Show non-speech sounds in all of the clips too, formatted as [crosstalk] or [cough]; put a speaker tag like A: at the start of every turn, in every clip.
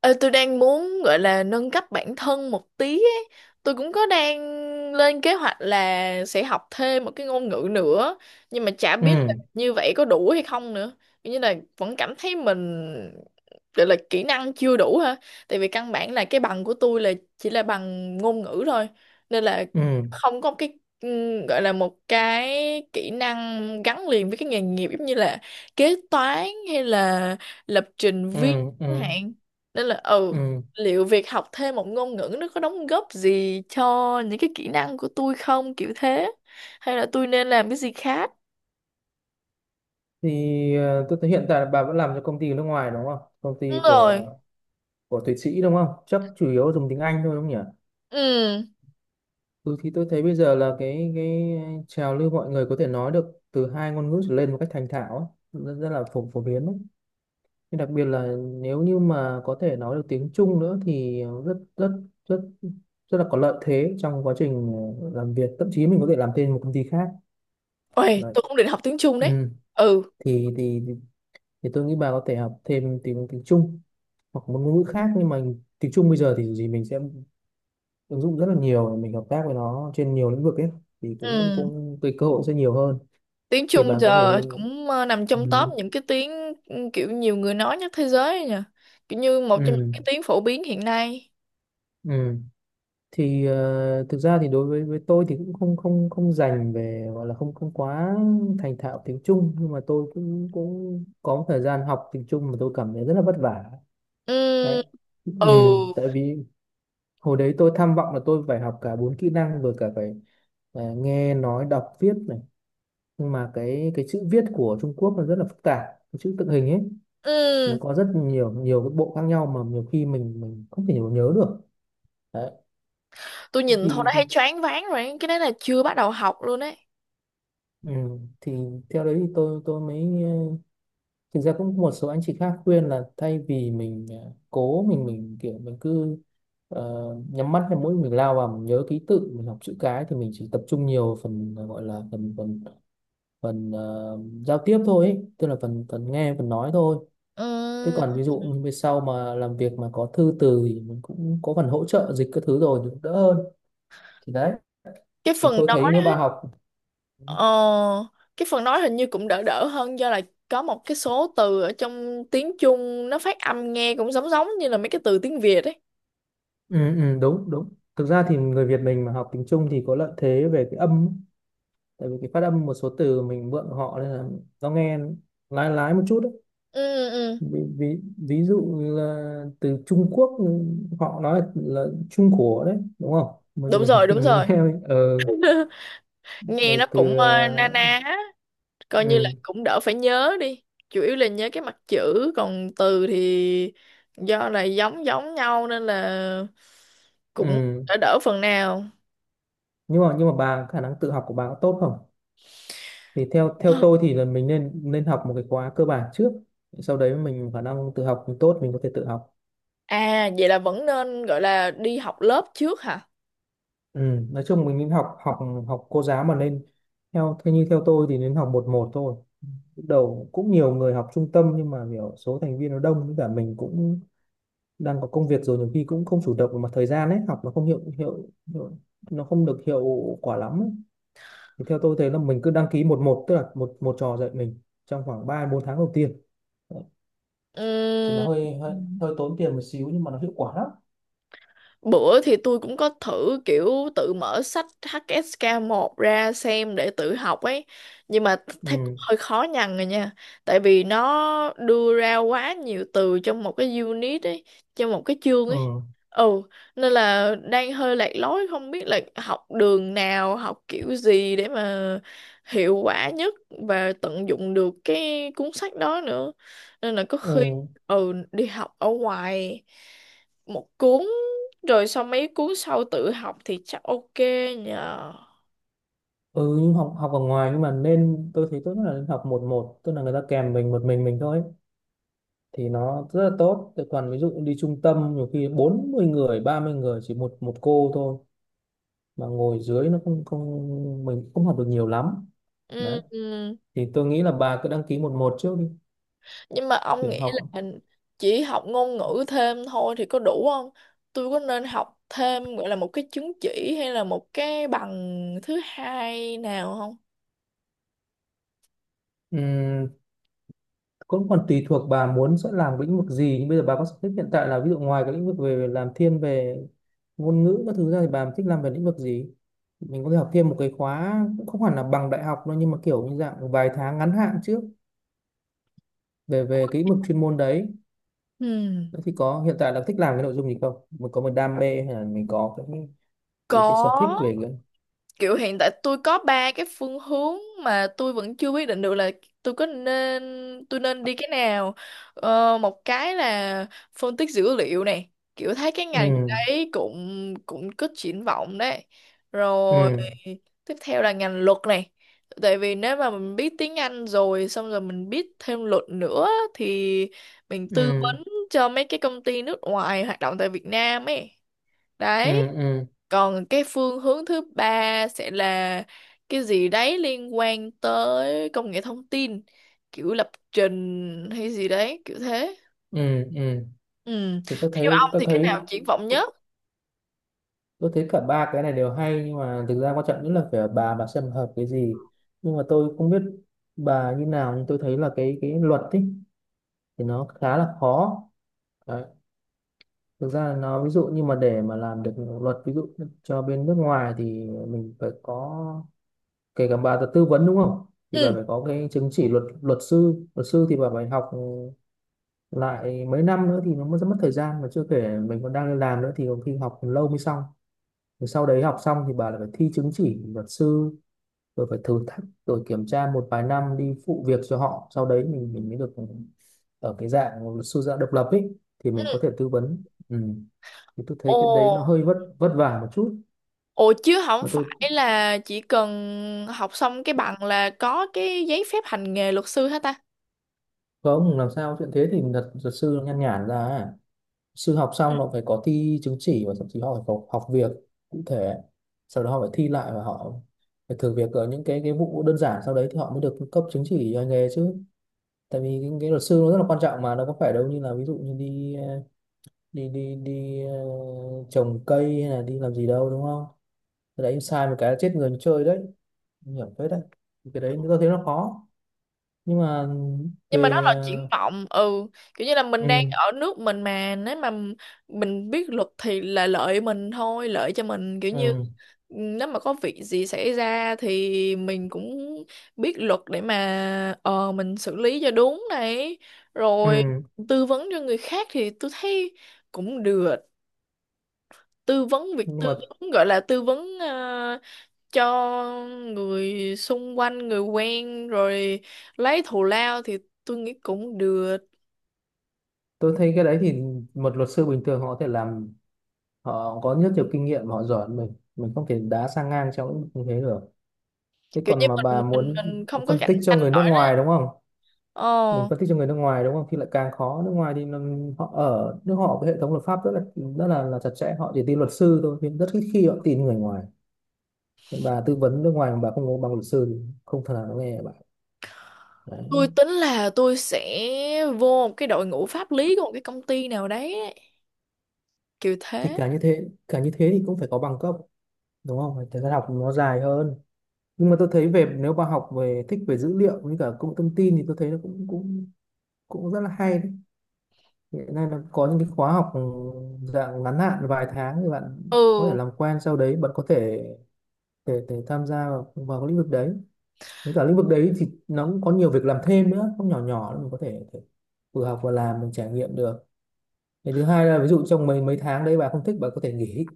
A: Ờ, tôi đang muốn gọi là nâng cấp bản thân một tí ấy. Tôi cũng có đang lên kế hoạch là sẽ học thêm một cái ngôn ngữ nữa, nhưng mà chả biết là
B: ừ
A: như vậy có đủ hay không nữa. Kiểu như là vẫn cảm thấy mình gọi là kỹ năng chưa đủ ha. Tại vì căn bản là cái bằng của tôi là chỉ là bằng ngôn ngữ thôi, nên là
B: ừ
A: không có cái gọi là một cái kỹ năng gắn liền với cái nghề nghiệp, giống như là kế toán hay là lập trình
B: ừ
A: viên chẳng
B: ừ
A: hạn. Nên là
B: ừ
A: liệu việc học thêm một ngôn ngữ nó có đóng góp gì cho những cái kỹ năng của tôi không, kiểu thế, hay là tôi nên làm cái gì khác.
B: thì tôi thấy hiện tại bà vẫn làm cho công ty nước ngoài, đúng không? Công
A: Đúng
B: ty của
A: rồi.
B: của Thụy Sĩ đúng không? Chắc chủ yếu dùng tiếng Anh thôi đúng không nhỉ?
A: Ừ.
B: Ừ, thì tôi thấy bây giờ là cái trào lưu mọi người có thể nói được từ hai ngôn ngữ trở lên một cách thành thạo ấy. Rất, rất là phổ phổ biến đấy, nhưng đặc biệt là nếu như mà có thể nói được tiếng Trung nữa thì rất rất rất rất là có lợi thế trong quá trình làm việc, thậm chí mình có thể làm thêm một công ty khác.
A: Ôi,
B: Đấy.
A: tôi cũng định học tiếng Trung đấy.
B: Ừ,
A: Ừ.
B: thì thì tôi nghĩ bà có thể học thêm tiếng tiếng Trung hoặc một ngôn ngữ khác, nhưng mà tiếng Trung bây giờ thì dù gì mình sẽ ứng dụng rất là nhiều, mình hợp tác với nó trên nhiều lĩnh vực ấy, thì cũng
A: Ừ.
B: cũng cái cơ hội sẽ nhiều hơn.
A: Tiếng
B: Thì
A: Trung
B: bà có
A: giờ
B: thể
A: cũng nằm
B: ừ,
A: trong top những cái tiếng. Ừ, kiểu nhiều người nói nhất thế giới ấy nhỉ, kiểu như một trong những
B: ừ,
A: cái tiếng phổ biến hiện nay.
B: ừ. Thì thực ra thì đối với tôi thì cũng không không không dành về, gọi là không không quá thành thạo tiếng Trung, nhưng mà tôi cũng cũng có một thời gian học tiếng Trung mà tôi cảm thấy rất là vất vả. Đấy.
A: Ừ.
B: Ừ,
A: Ừ.
B: tại vì hồi đấy tôi tham vọng là tôi phải học cả bốn kỹ năng, vừa cả phải à, nghe nói đọc viết này, nhưng mà cái chữ viết của Trung Quốc nó rất là phức tạp, cái chữ tượng hình ấy.
A: Ừ.
B: Nó có rất nhiều nhiều cái bộ khác nhau mà nhiều khi mình không thể nhớ được. Đấy.
A: Tôi
B: Thế
A: nhìn thôi
B: thì
A: đã thấy
B: thì
A: choáng váng rồi, cái đấy là chưa bắt đầu học luôn đấy.
B: ừ, thì theo đấy thì tôi mới thực ra cũng một số anh chị khác khuyên là thay vì mình cố mình kiểu mình cứ ờ, nhắm mắt hay mũi mình lao vào, mình nhớ ký tự, mình học chữ cái, thì mình chỉ tập trung nhiều phần, gọi là phần phần phần ờ, giao tiếp thôi ấy. Tức là phần phần nghe, phần nói thôi. Thế
A: Ừ.
B: còn ví dụ như về sau mà làm việc mà có thư từ thì mình cũng có phần hỗ trợ dịch các thứ, rồi thì cũng đỡ hơn. Thì đấy,
A: cái
B: thì
A: phần
B: tôi thấy nếu bà học
A: Ờ, cái phần nói hình như cũng đỡ đỡ hơn, do là có một cái số từ ở trong tiếng Trung nó phát âm nghe cũng giống giống như là mấy cái từ tiếng Việt ấy.
B: ừ, ừ, đúng đúng. Thực ra thì người Việt mình mà học tiếng Trung thì có lợi thế về cái âm ấy. Tại vì cái phát âm một số từ mình mượn của họ, nên là nó nghe lái lái một chút đấy.
A: Ừ, ừ, ừ.
B: Ví dụ như là từ Trung Quốc, họ nói là Trung Quốc đấy đúng không, mình
A: Đúng
B: mình,
A: rồi,
B: [laughs]
A: đúng
B: mình
A: rồi.
B: nghe mình,
A: [laughs] Nghe
B: Rồi
A: nó cũng
B: từ
A: na ná, á, coi như là
B: ừ,
A: cũng đỡ phải nhớ đi. Chủ yếu là nhớ cái mặt chữ, còn từ thì do là giống giống nhau nên là cũng
B: ừ.
A: đỡ đỡ phần nào.
B: Nhưng mà bà khả năng tự học của bà có tốt không? Thì theo theo tôi thì là mình nên nên học một cái khóa cơ bản trước, sau đấy mình khả năng tự học mình tốt, mình có thể tự học.
A: À, vậy là vẫn nên gọi là đi học lớp trước hả?
B: Ừ. Nói chung mình nên học học học cô giáo mà nên theo theo như theo tôi thì nên học một một thôi. Lúc đầu cũng nhiều người học trung tâm, nhưng mà kiểu số thành viên nó đông, với cả mình cũng đang có công việc rồi, nhiều khi cũng không chủ động về mặt thời gian ấy, học nó không hiệu hiệu, hiệu nó không được hiệu quả lắm ấy. Thì theo tôi thấy là mình cứ đăng ký một một, tức là một một trò dạy mình trong khoảng 3 4 tháng đầu tiên. Thì nó
A: Ừ.
B: hơi, hơi hơi tốn tiền một xíu, nhưng mà nó hiệu quả lắm.
A: Bữa thì tôi cũng có thử kiểu tự mở sách HSK 1 ra xem để tự học ấy. Nhưng mà thấy cũng
B: Ừ.
A: hơi khó nhằn rồi nha. Tại vì nó đưa ra quá nhiều từ trong một cái unit ấy, trong một cái chương ấy.
B: Ừ.
A: Ừ, nên là đang hơi lạc lối, không biết là học đường nào, học kiểu gì để mà hiệu quả nhất và tận dụng được cái cuốn sách đó nữa. Nên là có khi
B: Ừ.
A: đi học ở ngoài một cuốn rồi sau mấy cuốn sau tự học thì chắc ok nhờ.
B: Ừ, nhưng học học ở ngoài, nhưng mà nên tôi thấy tốt nhất là nên học một một, tức là người ta kèm mình một, mình thôi ấy. Thì nó rất là tốt. Thế còn ví dụ đi trung tâm nhiều khi 40 người, 30 người chỉ một một cô thôi, mà ngồi dưới nó không không mình không học được nhiều lắm.
A: Ừ,
B: Đấy.
A: ừ.
B: Thì tôi nghĩ là bà cứ đăng ký một một trước đi,
A: Nhưng mà ông
B: kiểu
A: nghĩ
B: học
A: là chỉ học ngôn ngữ thêm thôi thì có đủ không? Tôi có nên học thêm gọi là một cái chứng chỉ hay là một cái bằng thứ hai nào không?
B: ừm, cũng còn tùy thuộc bà muốn sẽ làm lĩnh vực gì, nhưng bây giờ bà có sở thích hiện tại là, ví dụ ngoài cái lĩnh vực về làm thiên về ngôn ngữ các thứ ra thì bà thích làm về lĩnh vực gì, mình có thể học thêm một cái khóa, cũng không hẳn là bằng đại học đâu, nhưng mà kiểu như dạng vài tháng ngắn hạn trước về về cái lĩnh vực chuyên môn đấy.
A: Ừ,
B: Thế thì có hiện tại là thích làm cái nội dung gì không, mình có một đam mê hay là mình có cái sở thích
A: có.
B: về cái
A: Kiểu hiện tại tôi có ba cái phương hướng mà tôi vẫn chưa quyết định được là tôi có nên tôi nên đi cái nào. Một cái là phân tích dữ liệu này, kiểu thấy cái ngành
B: ừ
A: đấy cũng cũng có triển vọng đấy. Rồi
B: ừ
A: tiếp theo là ngành luật này. Tại vì nếu mà mình biết tiếng Anh rồi xong rồi mình biết thêm luật nữa thì mình tư
B: ừ
A: vấn cho mấy cái công ty nước ngoài hoạt động tại Việt Nam ấy
B: ừ
A: đấy.
B: ừ
A: Còn cái phương hướng thứ ba sẽ là cái gì đấy liên quan tới công nghệ thông tin, kiểu lập trình hay gì đấy, kiểu thế.
B: ừ ừ
A: Ừ.
B: thì
A: Theo ông thì cái nào triển vọng nhất?
B: tôi thấy cả ba cái này đều hay, nhưng mà thực ra quan trọng nhất là phải ở bà, xem hợp cái gì. Nhưng mà tôi không biết bà như nào, nhưng tôi thấy là cái luật ấy thì nó khá là khó đấy. Thực ra là nó, ví dụ như mà để mà làm được luật, ví dụ cho bên nước ngoài, thì mình phải có, kể cả bà là tư vấn đúng không, thì bà
A: Ừ.
B: phải có cái chứng chỉ luật, luật sư thì bà phải học lại mấy năm nữa, thì nó mới rất mất thời gian, mà chưa kể mình còn đang đi làm nữa thì có khi học lâu mới xong. Rồi sau đấy học xong thì bà lại phải thi chứng chỉ luật sư, rồi phải thử thách, rồi kiểm tra một vài năm đi phụ việc cho họ, sau đấy mình mới được ở cái dạng luật sư dạng độc lập ấy, thì
A: Ừ.
B: mình có thể tư vấn. Ừ. Thì tôi thấy
A: Ồ.
B: cái đấy nó hơi vất vất vả một chút.
A: Ồ chứ không
B: Mà
A: phải là chỉ cần học xong cái bằng là có cái giấy phép hành nghề luật sư hả ta?
B: có ông làm sao chuyện thế, thì luật luật sư nó nhan nhản ra à. Sư học
A: Ừ.
B: xong nó phải có thi chứng chỉ và thậm chí họ phải có học việc cụ thể, sau đó họ phải thi lại và họ phải thử việc ở những cái vụ đơn giản, sau đấy thì họ mới được cấp chứng chỉ hành nghề chứ. Tại vì cái luật sư nó rất là quan trọng, mà nó có phải đâu như là ví dụ như đi ờ, đi đi đi ờ, trồng cây hay là đi làm gì đâu đúng không. Cái đấy sai một cái là chết người như chơi đấy. Nguy hiểm phết đấy. Thì cái đấy tôi thấy nó khó, nhưng mà
A: Nhưng mà nó
B: về
A: là triển vọng, ừ. Kiểu như là mình đang
B: ừ,
A: ở nước mình, mà nếu mà mình biết luật thì là lợi mình thôi, lợi cho mình, kiểu như
B: ừ,
A: nếu mà có việc gì xảy ra thì mình cũng biết luật để mà mình xử lý cho đúng này, rồi
B: ừ.
A: tư vấn cho người khác thì tôi thấy cũng được. Tư vấn việc
B: Nhưng
A: tư
B: mà
A: vấn gọi là tư vấn cho người xung quanh, người quen rồi lấy thù lao thì tôi nghĩ cũng được,
B: tôi thấy cái đấy thì một luật sư bình thường họ có thể làm, họ có rất nhiều kinh nghiệm, họ giỏi hơn mình, không thể đá sang ngang trong lĩnh vực như thế được. Thế
A: kiểu như
B: còn mà
A: mình
B: bà
A: mình
B: muốn
A: mình không có
B: phân
A: cạnh
B: tích cho
A: tranh
B: người nước
A: nổi đó.
B: ngoài đúng không, mình
A: ờ
B: phân tích cho người nước ngoài đúng không, thì lại càng khó. Nước ngoài thì nó- họ ở nước họ cái hệ thống luật pháp rất là chặt chẽ, họ chỉ tin luật sư thôi, nhưng rất ít khi họ tin người ngoài. Nhưng bà tư vấn nước ngoài mà bà không có bằng luật sư thì không thể nào nó nghe bà.
A: tôi
B: Đấy.
A: tính là tôi sẽ vô một cái đội ngũ pháp lý của một cái công ty nào đấy ấy, kiểu
B: Thì
A: thế.
B: cả như thế thì cũng phải có bằng cấp đúng không. Phải, thời gian học nó dài hơn, nhưng mà tôi thấy về nếu bà học về, thích về dữ liệu với cả công nghệ thông tin, thì tôi thấy nó cũng cũng cũng rất là hay đấy. Hiện nay nó có những cái khóa học ừ, dạng ngắn hạn vài tháng, thì bạn có thể
A: Ừ.
B: làm quen, sau đấy bạn có thể để tham gia vào cái lĩnh vực đấy. Với cả lĩnh vực đấy thì nó cũng có nhiều việc làm thêm nữa, không nhỏ nhỏ đâu, mình có thể, vừa học vừa làm, mình trải nghiệm được. Cái thứ hai là ví dụ trong mấy mấy tháng đấy bà không thích, bà có thể nghỉ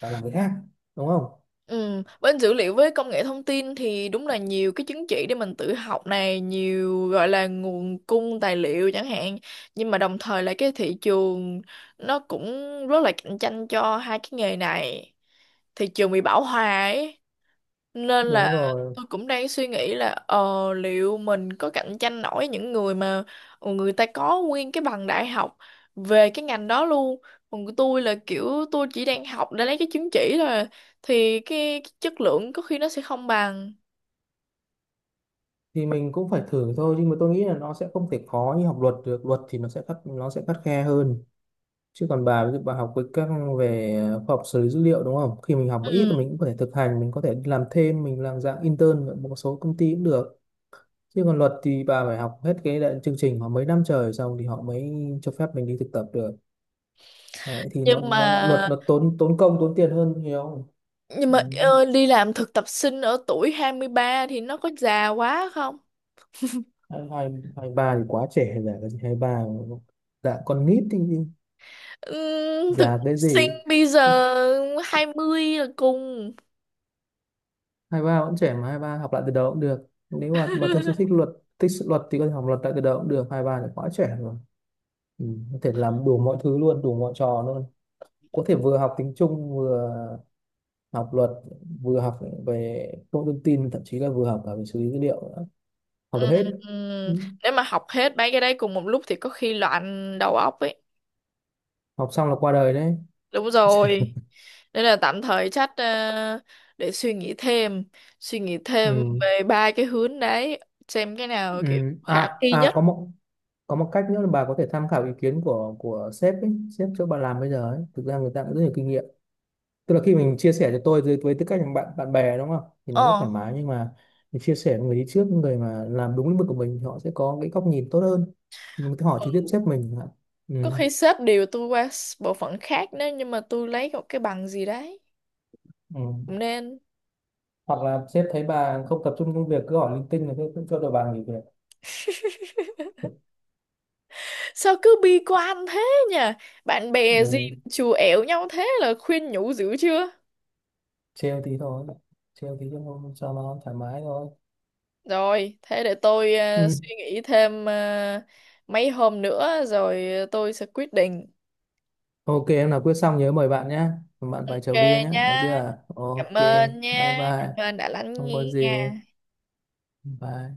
B: và làm việc khác đúng không.
A: Ừ. Bên dữ liệu với công nghệ thông tin thì đúng là nhiều cái chứng chỉ để mình tự học này, nhiều gọi là nguồn cung tài liệu chẳng hạn. Nhưng mà đồng thời là cái thị trường nó cũng rất là cạnh tranh cho hai cái nghề này, thị trường bị bão hòa ấy. Nên là
B: Đúng rồi.
A: tôi cũng đang suy nghĩ là liệu mình có cạnh tranh nổi những người mà người ta có nguyên cái bằng đại học về cái ngành đó luôn. Còn của tôi là kiểu tôi chỉ đang học để lấy cái chứng chỉ thôi à. Thì cái chất lượng có khi nó sẽ không bằng.
B: Thì mình cũng phải thử thôi, nhưng mà tôi nghĩ là nó sẽ không thể khó như học luật được. Luật thì nó sẽ khắt khe hơn. Chứ còn bà ví dụ bà học với các về khoa học xử lý dữ liệu đúng không, khi mình học một ít
A: Ừ.
B: thì mình cũng có thể thực hành, mình có thể làm thêm, mình làm dạng intern ở một số công ty cũng được. Chứ còn luật thì bà phải học hết cái đại- chương trình mà mấy năm trời xong, thì họ mới cho phép mình đi thực tập được. Đấy, thì nó
A: nhưng
B: nó
A: mà
B: luật nó tốn tốn công tốn tiền hơn nhiều.
A: nhưng mà
B: Ừ.
A: ờ, đi làm thực tập sinh ở tuổi 23 thì nó có già quá không?
B: hai hai Hai ba thì quá trẻ rồi, giả cái gì hai ba, dạ con nít thì
A: Thực
B: già
A: tập
B: cái
A: sinh
B: gì.
A: bây giờ 20 là cùng.
B: Hai ba vẫn trẻ mà, hai ba học lại từ đầu cũng được nếu mà thực sự
A: [laughs]
B: thích luật. Thích sự luật thì có thể học luật lại từ đầu cũng được, hai ba thì quá trẻ rồi. Ừ. Có thể làm đủ mọi thứ luôn, đủ mọi trò luôn. Có thể vừa học tiếng Trung, vừa học luật, vừa học về công nghệ thông tin, thậm chí là vừa học cả về xử lý dữ liệu nữa. Học được
A: Ừm,
B: hết. Ừ.
A: ừm, Nếu mà học hết mấy cái đấy cùng một lúc thì có khi loạn đầu óc ấy.
B: Học xong là qua đời đấy.
A: Đúng
B: [laughs]
A: rồi. Nên là tạm thời chắc để suy nghĩ thêm
B: Ừ.
A: về ba cái hướng đấy, xem cái
B: Ừ.
A: nào kiểu khả
B: À
A: thi
B: à
A: nhất.
B: có một, có một cách nữa là bà có thể tham khảo ý kiến của sếp ấy. Sếp chỗ bà làm bây giờ ấy, thực ra người ta cũng rất nhiều kinh nghiệm. Tức là khi mình chia sẻ cho tôi với tư cách là bạn bạn bè đúng không, thì nó rất
A: Ờ,
B: thoải mái, nhưng mà mình chia sẻ với người đi trước, người mà làm đúng lĩnh vực của mình, thì họ sẽ có cái góc nhìn tốt hơn. Mình có thể hỏi trực tiếp
A: ừ.
B: sếp mình chẳng hạn. Ừ.
A: Có khi sếp điều tôi qua bộ phận khác, nhưng mà tôi lấy một cái bằng gì đấy.
B: Ừ.
A: Cũng nên.
B: Hoặc là sếp thấy bà không tập trung công việc, cứ hỏi linh tinh, là cứ cũng cho đội bà nghỉ việc.
A: [laughs] Sao cứ bi quan thế nhỉ? Bạn bè gì
B: Ừ.
A: chù ẻo nhau thế là khuyên nhủ dữ chưa?
B: Trêu tí thôi, trêu tí cho nó thoải mái thôi.
A: Rồi, thế để tôi
B: Ừ.
A: suy nghĩ thêm mấy hôm nữa rồi tôi sẽ quyết định.
B: OK, em nào quyết xong nhớ mời bạn nhé. Bạn phải
A: Ok
B: chầu bia nhé, nhớ
A: nhá.
B: chưa?
A: Cảm
B: OK.
A: ơn
B: Bye
A: nhá.
B: bye.
A: Cảm ơn đã lắng
B: Không có
A: nghe.
B: gì. Bye.